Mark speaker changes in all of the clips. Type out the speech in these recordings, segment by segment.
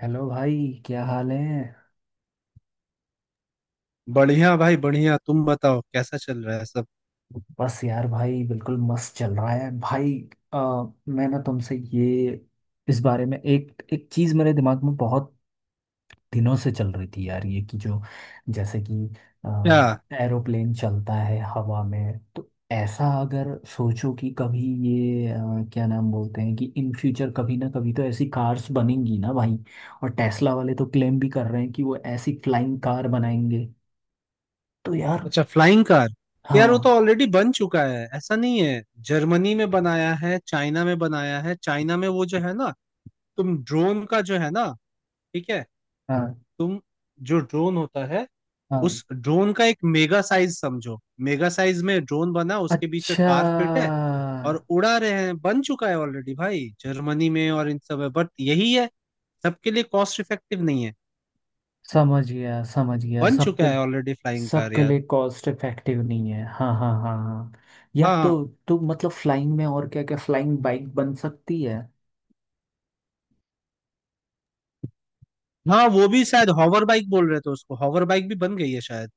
Speaker 1: Hello भाई। क्या हाल है।
Speaker 2: बढ़िया भाई बढ़िया, तुम बताओ कैसा चल रहा है सब?
Speaker 1: बस यार भाई बिल्कुल मस्त चल रहा है भाई। आ, मैं ना तुमसे ये इस बारे में एक एक चीज़ मेरे दिमाग में बहुत दिनों से चल रही थी यार, ये कि जो जैसे कि
Speaker 2: क्या?
Speaker 1: एरोप्लेन चलता है हवा में, तो ऐसा अगर सोचो कि कभी ये क्या नाम बोलते हैं, कि इन फ्यूचर कभी ना कभी तो ऐसी कार्स बनेंगी ना भाई। और टेस्ला वाले तो क्लेम भी कर रहे हैं कि वो ऐसी फ्लाइंग कार बनाएंगे। तो यार,
Speaker 2: अच्छा, फ्लाइंग कार? यार वो तो
Speaker 1: हाँ।
Speaker 2: ऑलरेडी बन चुका है, ऐसा नहीं है। जर्मनी में बनाया है, चाइना में बनाया है। चाइना में वो जो है ना, तुम ड्रोन का जो है ना, ठीक है।
Speaker 1: हाँ।
Speaker 2: तुम जो ड्रोन होता है
Speaker 1: हाँ।
Speaker 2: उस ड्रोन का एक मेगा साइज समझो। मेगा साइज में ड्रोन बना, उसके बीच में
Speaker 1: अच्छा।
Speaker 2: कार फिट है, और उड़ा रहे हैं। बन चुका है ऑलरेडी भाई, जर्मनी में और इन सब में, बट यही है, सबके लिए कॉस्ट इफेक्टिव नहीं है।
Speaker 1: समझ गया, समझ गया,
Speaker 2: बन
Speaker 1: सबके
Speaker 2: चुका है ऑलरेडी फ्लाइंग कार
Speaker 1: सबके
Speaker 2: यार।
Speaker 1: लिए कॉस्ट इफेक्टिव नहीं है, हाँ हाँ हाँ हाँ। यार तो
Speaker 2: हाँ
Speaker 1: तो मतलब फ्लाइंग में और क्या क्या, फ्लाइंग बाइक बन सकती है।
Speaker 2: हाँ, वो भी शायद हॉवर बाइक बोल रहे थे उसको, हॉवर बाइक भी बन गई है शायद।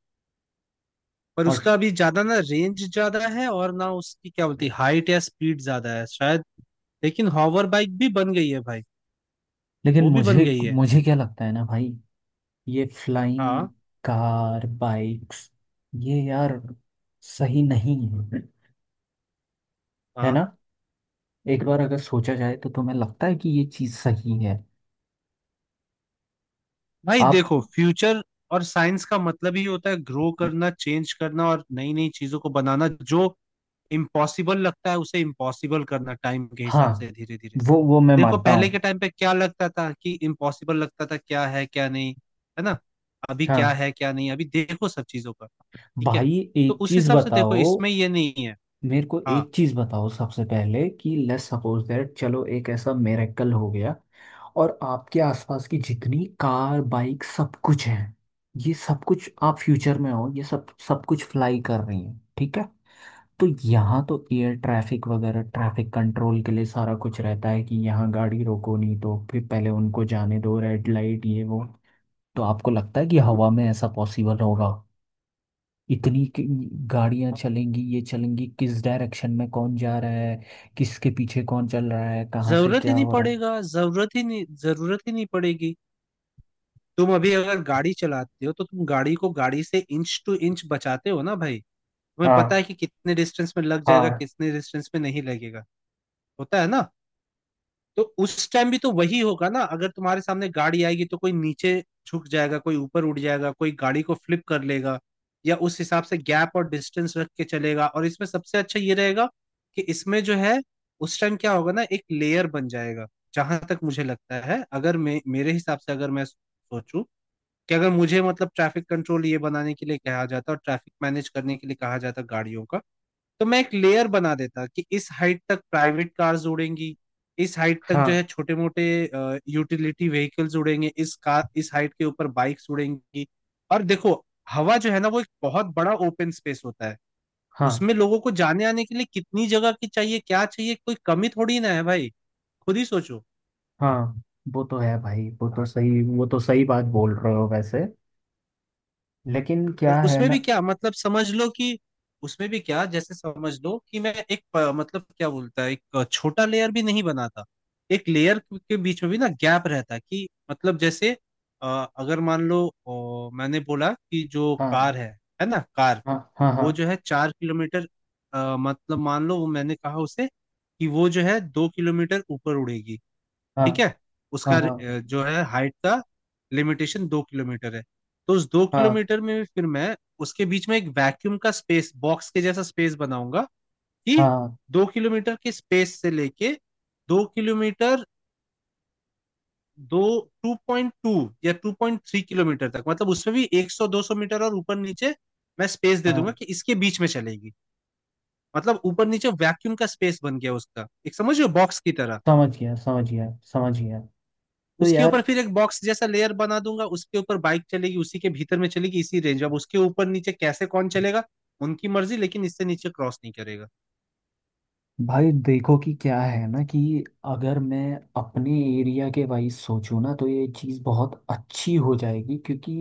Speaker 2: पर
Speaker 1: और
Speaker 2: उसका अभी ज्यादा ना रेंज ज्यादा है, और ना उसकी क्या बोलती है, हाइट या स्पीड ज्यादा है शायद। लेकिन हॉवर बाइक भी बन गई है भाई,
Speaker 1: लेकिन
Speaker 2: वो भी बन
Speaker 1: मुझे
Speaker 2: गई है।
Speaker 1: मुझे क्या लगता है ना भाई, ये फ्लाइंग
Speaker 2: हाँ
Speaker 1: कार बाइक्स ये यार सही नहीं है। है
Speaker 2: हाँ,
Speaker 1: ना। एक बार अगर सोचा जाए तो तुम्हें लगता है कि ये चीज़ सही है
Speaker 2: भाई
Speaker 1: आप।
Speaker 2: देखो फ्यूचर और साइंस का मतलब ही होता है ग्रो करना, चेंज करना, और नई नई चीजों को बनाना, जो इम्पॉसिबल लगता है उसे इम्पॉसिबल करना, टाइम के
Speaker 1: हाँ,
Speaker 2: हिसाब से धीरे धीरे।
Speaker 1: वो मैं
Speaker 2: देखो
Speaker 1: मानता
Speaker 2: पहले के
Speaker 1: हूँ।
Speaker 2: टाइम पे क्या लगता था, कि इम्पॉसिबल लगता था क्या है क्या नहीं, है ना। अभी क्या
Speaker 1: हाँ
Speaker 2: है क्या नहीं, अभी देखो सब चीजों का, ठीक है?
Speaker 1: भाई,
Speaker 2: तो
Speaker 1: एक
Speaker 2: उस
Speaker 1: चीज
Speaker 2: हिसाब से देखो
Speaker 1: बताओ।
Speaker 2: इसमें ये नहीं है।
Speaker 1: मेरे को
Speaker 2: हाँ,
Speaker 1: एक चीज बताओ सबसे पहले कि लेट्स सपोज दैट, चलो एक ऐसा मिरेकल हो गया और आपके आसपास की जितनी कार बाइक सब कुछ है, ये सब कुछ आप फ्यूचर में हो, ये सब सब कुछ फ्लाई कर रही है, ठीक है। तो यहाँ तो एयर ट्रैफिक वगैरह, ट्रैफिक कंट्रोल के लिए सारा कुछ रहता है कि यहाँ गाड़ी रोको, नहीं तो फिर पहले उनको जाने दो, रेड लाइट ये वो। तो आपको लगता है कि हवा में ऐसा पॉसिबल होगा, इतनी कि- गाड़ियां चलेंगी, ये चलेंगी किस डायरेक्शन में, कौन जा रहा है, किसके पीछे कौन चल रहा है, कहाँ से
Speaker 2: जरूरत ही
Speaker 1: क्या
Speaker 2: नहीं
Speaker 1: हो रहा है।
Speaker 2: पड़ेगा, जरूरत ही नहीं, जरूरत ही नहीं पड़ेगी। तुम अभी अगर गाड़ी चलाते हो तो तुम गाड़ी को गाड़ी से इंच टू इंच बचाते हो ना भाई, तुम्हें पता है
Speaker 1: हाँ
Speaker 2: कि कितने डिस्टेंस में लग जाएगा
Speaker 1: हाँ।
Speaker 2: कितने डिस्टेंस में नहीं लगेगा, होता है ना? तो उस टाइम भी तो वही होगा ना। अगर तुम्हारे सामने गाड़ी आएगी तो कोई नीचे झुक जाएगा, कोई ऊपर उड़ जाएगा, कोई गाड़ी को फ्लिप कर लेगा, या उस हिसाब से गैप और डिस्टेंस रख के चलेगा। और इसमें सबसे अच्छा ये रहेगा कि इसमें जो है, उस टाइम क्या होगा ना, एक लेयर बन जाएगा। जहां तक मुझे लगता है, अगर मेरे हिसाब से अगर मैं सोचूं कि अगर मुझे मतलब ट्रैफिक कंट्रोल ये बनाने के लिए कहा जाता और ट्रैफिक मैनेज करने के लिए कहा जाता गाड़ियों का, तो मैं एक लेयर बना देता कि इस हाइट तक प्राइवेट कार्स उड़ेंगी, इस हाइट तक जो है
Speaker 1: हाँ
Speaker 2: छोटे मोटे यूटिलिटी व्हीकल्स उड़ेंगे, इस कार इस हाइट के ऊपर बाइक्स उड़ेंगी। और देखो हवा जो है ना वो एक बहुत बड़ा ओपन स्पेस होता है,
Speaker 1: हाँ
Speaker 2: उसमें लोगों को जाने आने के लिए कितनी जगह की चाहिए क्या चाहिए, कोई कमी थोड़ी ना है भाई, खुद ही सोचो।
Speaker 1: हाँ। वो तो है भाई, वो तो सही, वो तो सही बात बोल रहे हो वैसे, लेकिन
Speaker 2: पर
Speaker 1: क्या है
Speaker 2: उसमें भी
Speaker 1: ना।
Speaker 2: क्या मतलब, समझ लो कि उसमें भी क्या, जैसे समझ लो कि मैं एक मतलब क्या बोलता है, एक छोटा लेयर भी नहीं बनाता, एक लेयर के बीच में भी ना गैप रहता है कि मतलब जैसे, अ, अगर मान लो मैंने बोला कि जो
Speaker 1: हाँ
Speaker 2: कार है ना कार,
Speaker 1: हाँ हाँ हाँ
Speaker 2: वो जो है 4 किलोमीटर, मतलब मान लो वो, मैंने कहा उसे कि वो जो है 2 किलोमीटर ऊपर उड़ेगी,
Speaker 1: हाँ
Speaker 2: ठीक है।
Speaker 1: हाँ
Speaker 2: उसका
Speaker 1: हाँ
Speaker 2: जो है हाइट का लिमिटेशन 2 किलोमीटर है। तो उस दो
Speaker 1: हाँ
Speaker 2: किलोमीटर में भी फिर मैं उसके बीच में एक वैक्यूम का स्पेस, बॉक्स के जैसा स्पेस बनाऊंगा, कि
Speaker 1: हाँ
Speaker 2: दो किलोमीटर के स्पेस से लेके 2 किलोमीटर, दो, 2.2 या 2.3 किलोमीटर तक, मतलब उसमें भी 100 200 मीटर और ऊपर नीचे मैं स्पेस दे
Speaker 1: हाँ।
Speaker 2: दूंगा कि इसके बीच में चलेगी। मतलब ऊपर नीचे वैक्यूम का स्पेस बन गया उसका एक, समझ रहे हो, बॉक्स की तरह।
Speaker 1: समझ गया, समझ गया, समझ गया। तो
Speaker 2: उसके ऊपर
Speaker 1: यार
Speaker 2: फिर एक बॉक्स जैसा लेयर बना दूंगा, उसके ऊपर बाइक चलेगी, उसी के भीतर में चलेगी, इसी रेंज में। अब उसके ऊपर नीचे कैसे कौन चलेगा, उनकी मर्जी, लेकिन इससे नीचे क्रॉस नहीं करेगा।
Speaker 1: भाई देखो कि क्या है ना, कि अगर मैं अपने एरिया के वाइज सोचूं ना, तो ये चीज़ बहुत अच्छी हो जाएगी, क्योंकि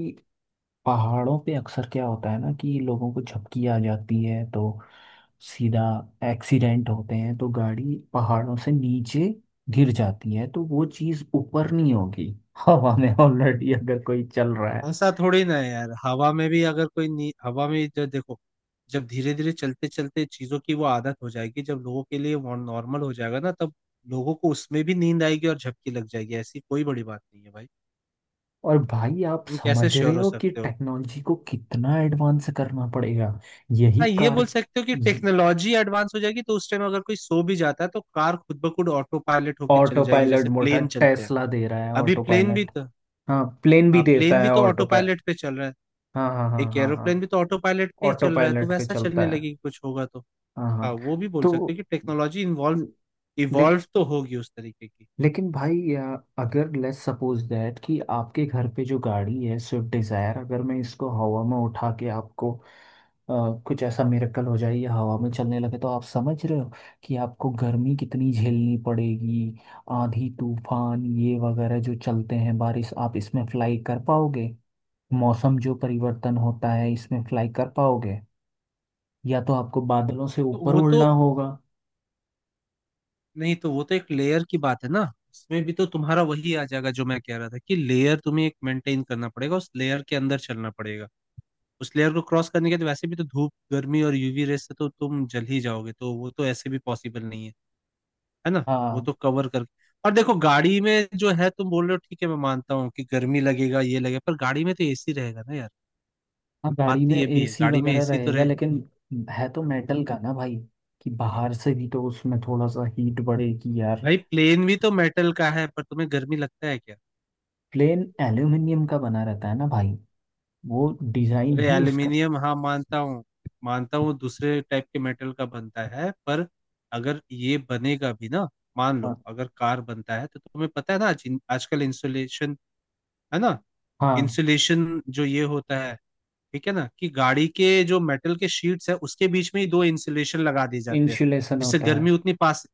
Speaker 1: पहाड़ों पे अक्सर क्या होता है ना कि लोगों को झपकी आ जाती है, तो सीधा एक्सीडेंट होते हैं, तो गाड़ी पहाड़ों से नीचे गिर जाती है, तो वो चीज़ ऊपर नहीं होगी हवा में ऑलरेडी अगर कोई चल रहा है।
Speaker 2: ऐसा थोड़ी ना है यार, हवा में भी अगर कोई हवा में जो देखो, जब धीरे धीरे चलते चलते चीजों की वो आदत हो जाएगी, जब लोगों के लिए वो नॉर्मल हो जाएगा ना, तब लोगों को उसमें भी नींद आएगी और झपकी लग जाएगी, ऐसी कोई बड़ी बात नहीं है भाई।
Speaker 1: और भाई आप
Speaker 2: तुम कैसे
Speaker 1: समझ
Speaker 2: श्योर
Speaker 1: रहे
Speaker 2: हो
Speaker 1: हो कि
Speaker 2: सकते हो?
Speaker 1: टेक्नोलॉजी को कितना एडवांस करना पड़ेगा, यही
Speaker 2: हाँ ये
Speaker 1: कार।
Speaker 2: बोल सकते हो कि टेक्नोलॉजी एडवांस हो जाएगी, तो उस टाइम अगर कोई सो भी जाता है तो कार खुद ब खुद ऑटो पायलट होके चल
Speaker 1: ऑटो
Speaker 2: जाएगी,
Speaker 1: पायलट
Speaker 2: जैसे
Speaker 1: मोटा
Speaker 2: प्लेन चलते हैं।
Speaker 1: टेस्ला दे रहा है
Speaker 2: अभी
Speaker 1: ऑटो
Speaker 2: प्लेन भी
Speaker 1: पायलट।
Speaker 2: तो,
Speaker 1: हाँ, प्लेन भी
Speaker 2: हाँ
Speaker 1: देता
Speaker 2: प्लेन भी
Speaker 1: है
Speaker 2: तो ऑटो
Speaker 1: ऑटो पायलट।
Speaker 2: पायलट पे चल रहा है।
Speaker 1: हाँ हाँ हाँ
Speaker 2: एक
Speaker 1: हाँ
Speaker 2: एरोप्लेन भी
Speaker 1: हाँ।
Speaker 2: तो ऑटो पायलट पे ही
Speaker 1: ऑटो
Speaker 2: चल रहा है, तो
Speaker 1: पायलट पे
Speaker 2: वैसा
Speaker 1: चलता
Speaker 2: चलने
Speaker 1: है।
Speaker 2: लगेगी कुछ होगा तो।
Speaker 1: हाँ
Speaker 2: हाँ
Speaker 1: हाँ।
Speaker 2: वो भी बोल सकते
Speaker 1: तो
Speaker 2: हो कि टेक्नोलॉजी इन्वॉल्व,
Speaker 1: ले,
Speaker 2: इवॉल्व तो होगी उस तरीके की।
Speaker 1: लेकिन भाई, अगर लेट्स सपोज दैट कि आपके घर पे जो गाड़ी है स्विफ्ट डिज़ायर, अगर मैं इसको हवा में उठा के आपको कुछ ऐसा मिरेकल हो जाए या हवा में चलने लगे, तो आप समझ रहे हो कि आपको गर्मी कितनी झेलनी पड़ेगी। आंधी तूफान ये वगैरह जो चलते हैं, बारिश, आप इसमें फ्लाई कर पाओगे। मौसम जो परिवर्तन होता है, इसमें फ्लाई कर पाओगे, या तो आपको बादलों से
Speaker 2: तो
Speaker 1: ऊपर
Speaker 2: वो तो,
Speaker 1: उड़ना होगा।
Speaker 2: नहीं तो वो तो एक लेयर की बात है ना, इसमें भी तो तुम्हारा वही आ जाएगा जो मैं कह रहा था, कि लेयर तुम्हें एक मेंटेन करना पड़ेगा, उस लेयर के अंदर चलना पड़ेगा। उस लेयर को क्रॉस करने के बाद वैसे भी तो धूप गर्मी और यूवी रेस से तो तुम जल ही जाओगे, तो वो तो ऐसे भी पॉसिबल नहीं है, है ना। वो तो
Speaker 1: हाँ।
Speaker 2: कवर कर, और देखो गाड़ी में जो है, तुम बोल रहे हो ठीक है, मैं मानता हूँ कि गर्मी लगेगा ये लगेगा, पर गाड़ी में तो एसी रहेगा ना यार।
Speaker 1: हाँ,
Speaker 2: बात
Speaker 1: गाड़ी
Speaker 2: तो
Speaker 1: में
Speaker 2: ये भी है
Speaker 1: एसी
Speaker 2: गाड़ी में
Speaker 1: वगैरह
Speaker 2: एसी तो
Speaker 1: रहेगा,
Speaker 2: रहे।
Speaker 1: लेकिन है तो मेटल का ना भाई, कि बाहर से भी तो उसमें थोड़ा सा हीट बढ़े, कि यार।
Speaker 2: भाई प्लेन भी तो मेटल का है, पर तुम्हें गर्मी लगता है क्या?
Speaker 1: प्लेन एल्यूमिनियम का बना रहता है ना भाई, वो डिजाइन
Speaker 2: अरे
Speaker 1: ही उसका।
Speaker 2: एल्यूमिनियम हाँ मानता हूँ, मानता हूँ दूसरे टाइप के मेटल का बनता है, पर अगर ये बनेगा भी ना, मान लो
Speaker 1: हाँ
Speaker 2: अगर कार बनता है, तो तुम्हें पता है ना, आज आजकल इंसुलेशन, है ना,
Speaker 1: हाँ,
Speaker 2: इंसुलेशन जो ये होता है, ठीक है ना, कि गाड़ी के जो मेटल के शीट्स है उसके बीच में ही दो इंसुलेशन लगा दिए जाते हैं,
Speaker 1: इंसुलेशन
Speaker 2: जिससे
Speaker 1: होता है।
Speaker 2: गर्मी उतनी पास,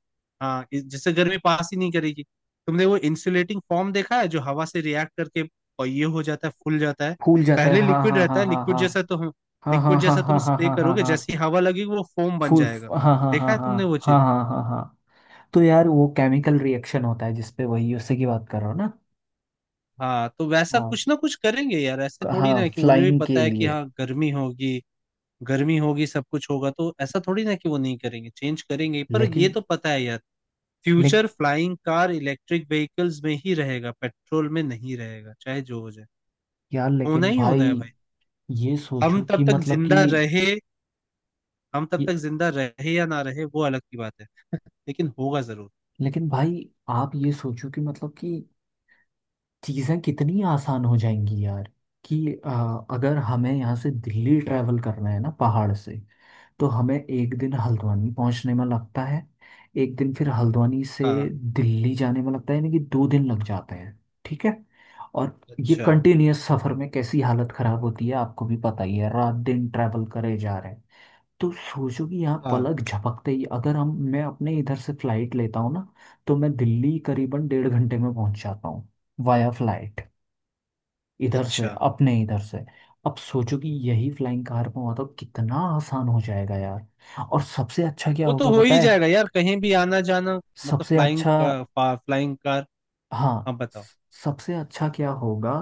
Speaker 2: हाँ जिससे गर्मी पास ही नहीं करेगी। तुमने वो इंसुलेटिंग फॉर्म देखा है जो हवा से रिएक्ट करके और ये हो जाता है, फूल जाता है?
Speaker 1: फूल जाता है,
Speaker 2: पहले
Speaker 1: हाँ
Speaker 2: लिक्विड
Speaker 1: हाँ
Speaker 2: रहता
Speaker 1: हाँ
Speaker 2: है,
Speaker 1: हाँ
Speaker 2: लिक्विड जैसा तो
Speaker 1: हाँ
Speaker 2: हम, लिक्विड
Speaker 1: हाँ
Speaker 2: जैसा तुम
Speaker 1: हाँ हाँ हाँ
Speaker 2: स्प्रे
Speaker 1: हाँ हाँ हाँ
Speaker 2: करोगे, जैसी
Speaker 1: हाँ।
Speaker 2: हवा लगेगी वो फोम बन
Speaker 1: फूल,
Speaker 2: जाएगा।
Speaker 1: हाँ हाँ
Speaker 2: देखा
Speaker 1: हाँ
Speaker 2: है
Speaker 1: हाँ
Speaker 2: तुमने वो
Speaker 1: हाँ
Speaker 2: चीज?
Speaker 1: हाँ हाँ हाँ। तो यार वो केमिकल रिएक्शन होता है जिसपे वही उसी की बात कर रहा हो ना।
Speaker 2: हाँ तो वैसा
Speaker 1: हाँ।
Speaker 2: कुछ ना कुछ करेंगे यार, ऐसे थोड़ी ना
Speaker 1: हाँ,
Speaker 2: है, कि उन्हें भी
Speaker 1: फ्लाइंग
Speaker 2: पता
Speaker 1: के
Speaker 2: है कि
Speaker 1: लिए।
Speaker 2: हाँ गर्मी होगी, गर्मी होगी सब कुछ होगा, तो ऐसा थोड़ी ना कि वो नहीं करेंगे, चेंज करेंगे। पर ये
Speaker 1: लेकिन,
Speaker 2: तो पता है यार, फ्यूचर
Speaker 1: लेकिन
Speaker 2: फ्लाइंग कार इलेक्ट्रिक व्हीकल्स में ही रहेगा, पेट्रोल में नहीं रहेगा, चाहे जो हो जाए,
Speaker 1: यार,
Speaker 2: होना
Speaker 1: लेकिन
Speaker 2: ही होना
Speaker 1: भाई
Speaker 2: है भाई।
Speaker 1: ये
Speaker 2: हम
Speaker 1: सोचो
Speaker 2: तब
Speaker 1: कि
Speaker 2: तक
Speaker 1: मतलब कि,
Speaker 2: जिंदा रहे, हम तब
Speaker 1: ये,
Speaker 2: तक जिंदा रहे या ना रहे वो अलग की बात है, लेकिन होगा जरूर।
Speaker 1: लेकिन भाई आप ये सोचो कि मतलब कि चीज़ें कितनी आसान हो जाएंगी यार। कि अगर हमें यहाँ से दिल्ली ट्रैवल करना है ना पहाड़ से, तो हमें एक दिन हल्द्वानी पहुँचने में लगता है, एक दिन फिर हल्द्वानी से
Speaker 2: हाँ
Speaker 1: दिल्ली जाने में लगता है, यानी कि दो दिन लग जाते हैं, ठीक है। और ये
Speaker 2: अच्छा।
Speaker 1: कंटिन्यूअस सफ़र में कैसी हालत ख़राब होती है, आपको भी पता ही है, रात दिन ट्रैवल करे जा रहे हैं। तो सोचो कि यहाँ
Speaker 2: हाँ
Speaker 1: पलक झपकते ही अगर हम मैं अपने इधर से फ्लाइट लेता हूँ ना, तो मैं दिल्ली करीबन डेढ़ घंटे में पहुंच जाता हूँ, वाया फ्लाइट, इधर से,
Speaker 2: अच्छा,
Speaker 1: अपने इधर से। अब सोचो कि यही फ्लाइंग कार में हुआ तो कितना आसान हो जाएगा यार। और सबसे अच्छा क्या
Speaker 2: वो तो
Speaker 1: होगा
Speaker 2: हो
Speaker 1: पता
Speaker 2: ही
Speaker 1: है।
Speaker 2: जाएगा यार, कहीं भी आना जाना, मतलब
Speaker 1: सबसे
Speaker 2: फ्लाइंग
Speaker 1: अच्छा,
Speaker 2: का, फ्लाइंग कार।
Speaker 1: हाँ
Speaker 2: हम बताओ।
Speaker 1: सबसे अच्छा क्या होगा,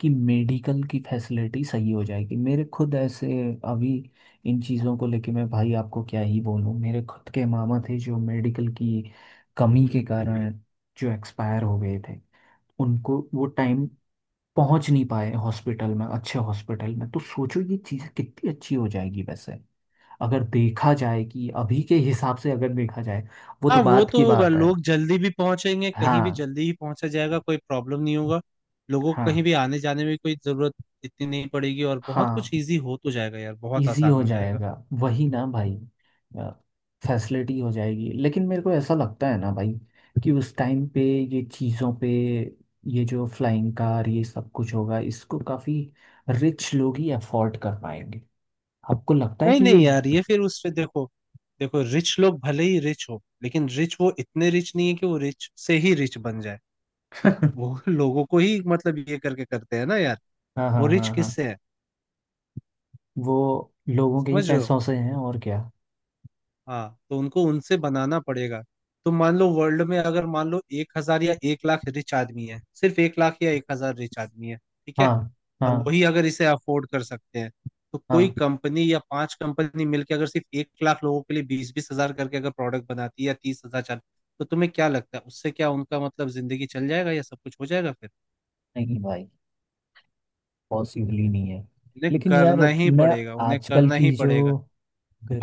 Speaker 1: कि मेडिकल की फैसिलिटी सही हो जाएगी। मेरे खुद ऐसे अभी इन चीज़ों को लेके मैं भाई आपको क्या ही बोलूँ, मेरे खुद के मामा थे जो मेडिकल की कमी के कारण जो एक्सपायर हो गए थे, उनको वो टाइम पहुंच नहीं पाए हॉस्पिटल में, अच्छे हॉस्पिटल में। तो सोचो ये चीज़ें कितनी अच्छी हो जाएगी वैसे, अगर देखा जाए कि अभी के हिसाब से अगर देखा जाए, वो
Speaker 2: हाँ
Speaker 1: तो
Speaker 2: वो
Speaker 1: बात
Speaker 2: तो
Speaker 1: की
Speaker 2: होगा,
Speaker 1: बात है।
Speaker 2: लोग जल्दी भी पहुंचेंगे, कहीं भी
Speaker 1: हाँ
Speaker 2: जल्दी ही पहुंचा जाएगा, कोई प्रॉब्लम नहीं होगा। लोगों को कहीं
Speaker 1: हाँ
Speaker 2: भी आने जाने में कोई जरूरत इतनी नहीं पड़ेगी, और बहुत कुछ
Speaker 1: हाँ।
Speaker 2: इजी हो तो जाएगा यार, बहुत
Speaker 1: इजी
Speaker 2: आसान
Speaker 1: हो
Speaker 2: हो जाएगा।
Speaker 1: जाएगा। वही ना भाई, फैसिलिटी हो जाएगी, लेकिन मेरे को ऐसा लगता है ना भाई, कि उस टाइम पे ये चीज़ों पे, ये जो फ्लाइंग कार ये सब कुछ होगा, इसको काफ़ी रिच लोग ही अफोर्ड कर पाएंगे। आपको लगता है
Speaker 2: नहीं
Speaker 1: कि ये।
Speaker 2: नहीं यार, ये फिर उस पे देखो, देखो रिच लोग भले ही रिच हो, लेकिन रिच वो इतने रिच नहीं है कि वो रिच से ही रिच बन जाए। वो लोगों को ही मतलब ये करके करते हैं ना यार,
Speaker 1: हाँ हाँ
Speaker 2: वो रिच
Speaker 1: हाँ
Speaker 2: किससे
Speaker 1: हाँ,
Speaker 2: है,
Speaker 1: वो लोगों के ही
Speaker 2: समझ रहे हो?
Speaker 1: पैसों से हैं, और क्या।
Speaker 2: हाँ तो उनको उनसे बनाना पड़ेगा। तो मान लो वर्ल्ड में, अगर मान लो 1,000 या 1 लाख रिच आदमी है, सिर्फ 1 लाख या 1,000 रिच आदमी है, ठीक है,
Speaker 1: हाँ
Speaker 2: और
Speaker 1: हाँ
Speaker 2: वही अगर इसे अफोर्ड कर सकते हैं, तो कोई
Speaker 1: हाँ,
Speaker 2: कंपनी या पांच कंपनी मिलकर अगर सिर्फ 1 लाख लोगों के लिए 20,000-20,000 करके अगर प्रोडक्ट बनाती है, या 30,000, चार, तो तुम्हें क्या लगता है, उससे क्या उनका मतलब जिंदगी चल जाएगा, या सब कुछ हो जाएगा फिर?
Speaker 1: नहीं भाई पॉसिबल ही नहीं है।
Speaker 2: उन्हें
Speaker 1: लेकिन यार
Speaker 2: करना ही
Speaker 1: मैं
Speaker 2: पड़ेगा, उन्हें
Speaker 1: आजकल
Speaker 2: करना ही
Speaker 1: की जो
Speaker 2: पड़ेगा,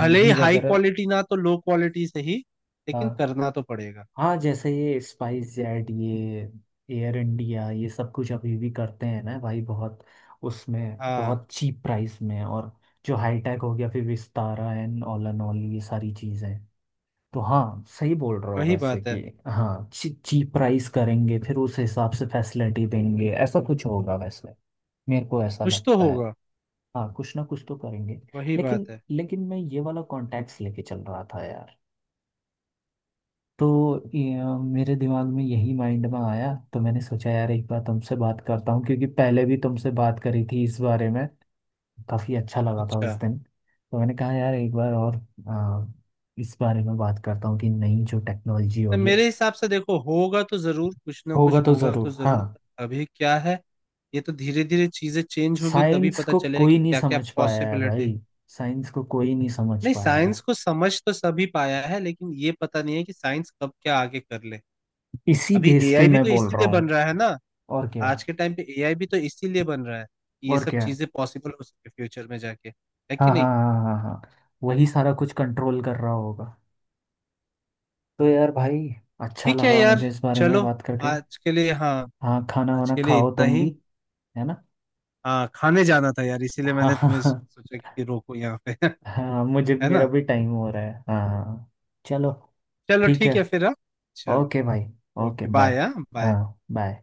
Speaker 2: भले ही हाई
Speaker 1: वगैरह।
Speaker 2: क्वालिटी ना तो लो क्वालिटी से ही, लेकिन
Speaker 1: हाँ
Speaker 2: करना तो पड़ेगा।
Speaker 1: हाँ, जैसे ये स्पाइस जेट ये एयर इंडिया ये सब कुछ अभी भी करते हैं ना भाई बहुत, उसमें
Speaker 2: हाँ
Speaker 1: बहुत चीप प्राइस में। और जो हाई टेक हो गया फिर विस्तारा एंड ऑल ये सारी चीज़ें। तो हाँ, सही बोल रहे हो
Speaker 2: वही
Speaker 1: वैसे
Speaker 2: बात है,
Speaker 1: कि, हाँ चीप प्राइस करेंगे फिर उस हिसाब से फैसिलिटी देंगे, ऐसा कुछ होगा वैसे, मेरे को ऐसा
Speaker 2: कुछ तो
Speaker 1: लगता है।
Speaker 2: होगा,
Speaker 1: हाँ, कुछ ना कुछ तो करेंगे।
Speaker 2: वही
Speaker 1: लेकिन,
Speaker 2: बात है।
Speaker 1: लेकिन मैं ये वाला कॉन्टैक्ट्स लेके चल रहा था यार, तो मेरे दिमाग में यही माइंड में आया, तो मैंने सोचा यार एक बार तुमसे बात करता हूँ, क्योंकि पहले भी तुमसे बात करी थी इस बारे में, काफ़ी अच्छा लगा था
Speaker 2: अच्छा,
Speaker 1: उस दिन। तो मैंने कहा यार एक बार और अ, इस बारे में बात करता हूँ कि नई जो टेक्नोलॉजी
Speaker 2: तो
Speaker 1: होगी।
Speaker 2: मेरे हिसाब से देखो होगा तो जरूर, कुछ ना कुछ
Speaker 1: होगा तो
Speaker 2: होगा तो
Speaker 1: ज़रूर, हाँ।
Speaker 2: जरूर। अभी क्या है, ये तो धीरे धीरे चीजें चेंज होगी, तभी
Speaker 1: साइंस
Speaker 2: पता
Speaker 1: को
Speaker 2: चलेगा
Speaker 1: कोई
Speaker 2: कि
Speaker 1: नहीं
Speaker 2: क्या क्या
Speaker 1: समझ पाया है
Speaker 2: पॉसिबिलिटी।
Speaker 1: भाई, साइंस को कोई नहीं समझ
Speaker 2: नहीं
Speaker 1: पाया
Speaker 2: साइंस
Speaker 1: है,
Speaker 2: को समझ तो सभी पाया है, लेकिन ये पता नहीं है कि साइंस कब क्या आगे कर ले।
Speaker 1: इसी
Speaker 2: अभी
Speaker 1: बेस पे
Speaker 2: एआई भी
Speaker 1: मैं
Speaker 2: तो
Speaker 1: बोल रहा
Speaker 2: इसीलिए बन
Speaker 1: हूँ।
Speaker 2: रहा है ना।
Speaker 1: और क्या।
Speaker 2: आज के टाइम पे एआई भी तो इसीलिए बन रहा है कि ये
Speaker 1: और
Speaker 2: सब
Speaker 1: क्या।
Speaker 2: चीजें पॉसिबल हो सके फ्यूचर में जाके, है कि
Speaker 1: हाँ हाँ
Speaker 2: नहीं?
Speaker 1: हाँ हाँ हाँ हाँ। वही सारा कुछ कंट्रोल कर रहा होगा। तो यार भाई अच्छा
Speaker 2: ठीक है
Speaker 1: लगा
Speaker 2: यार,
Speaker 1: मुझे इस बारे में
Speaker 2: चलो,
Speaker 1: बात करके।
Speaker 2: आज के लिए, हाँ
Speaker 1: हाँ खाना
Speaker 2: आज
Speaker 1: वाना
Speaker 2: के लिए
Speaker 1: खाओ
Speaker 2: इतना
Speaker 1: तुम
Speaker 2: ही।
Speaker 1: भी, है ना।
Speaker 2: हाँ खाने जाना था यार, इसीलिए
Speaker 1: हाँ
Speaker 2: मैंने तुम्हें
Speaker 1: हाँ
Speaker 2: सोचा कि रोको यहाँ पे
Speaker 1: हाँ हाँ, मुझे
Speaker 2: है
Speaker 1: मेरा
Speaker 2: ना।
Speaker 1: भी टाइम हो रहा है, हाँ हाँ। चलो
Speaker 2: चलो
Speaker 1: ठीक
Speaker 2: ठीक
Speaker 1: है।
Speaker 2: है फिर, हाँ चलो।
Speaker 1: ओके भाई। Okay
Speaker 2: okay bye,
Speaker 1: bye.
Speaker 2: हाँ बाय।
Speaker 1: हाँ बाय।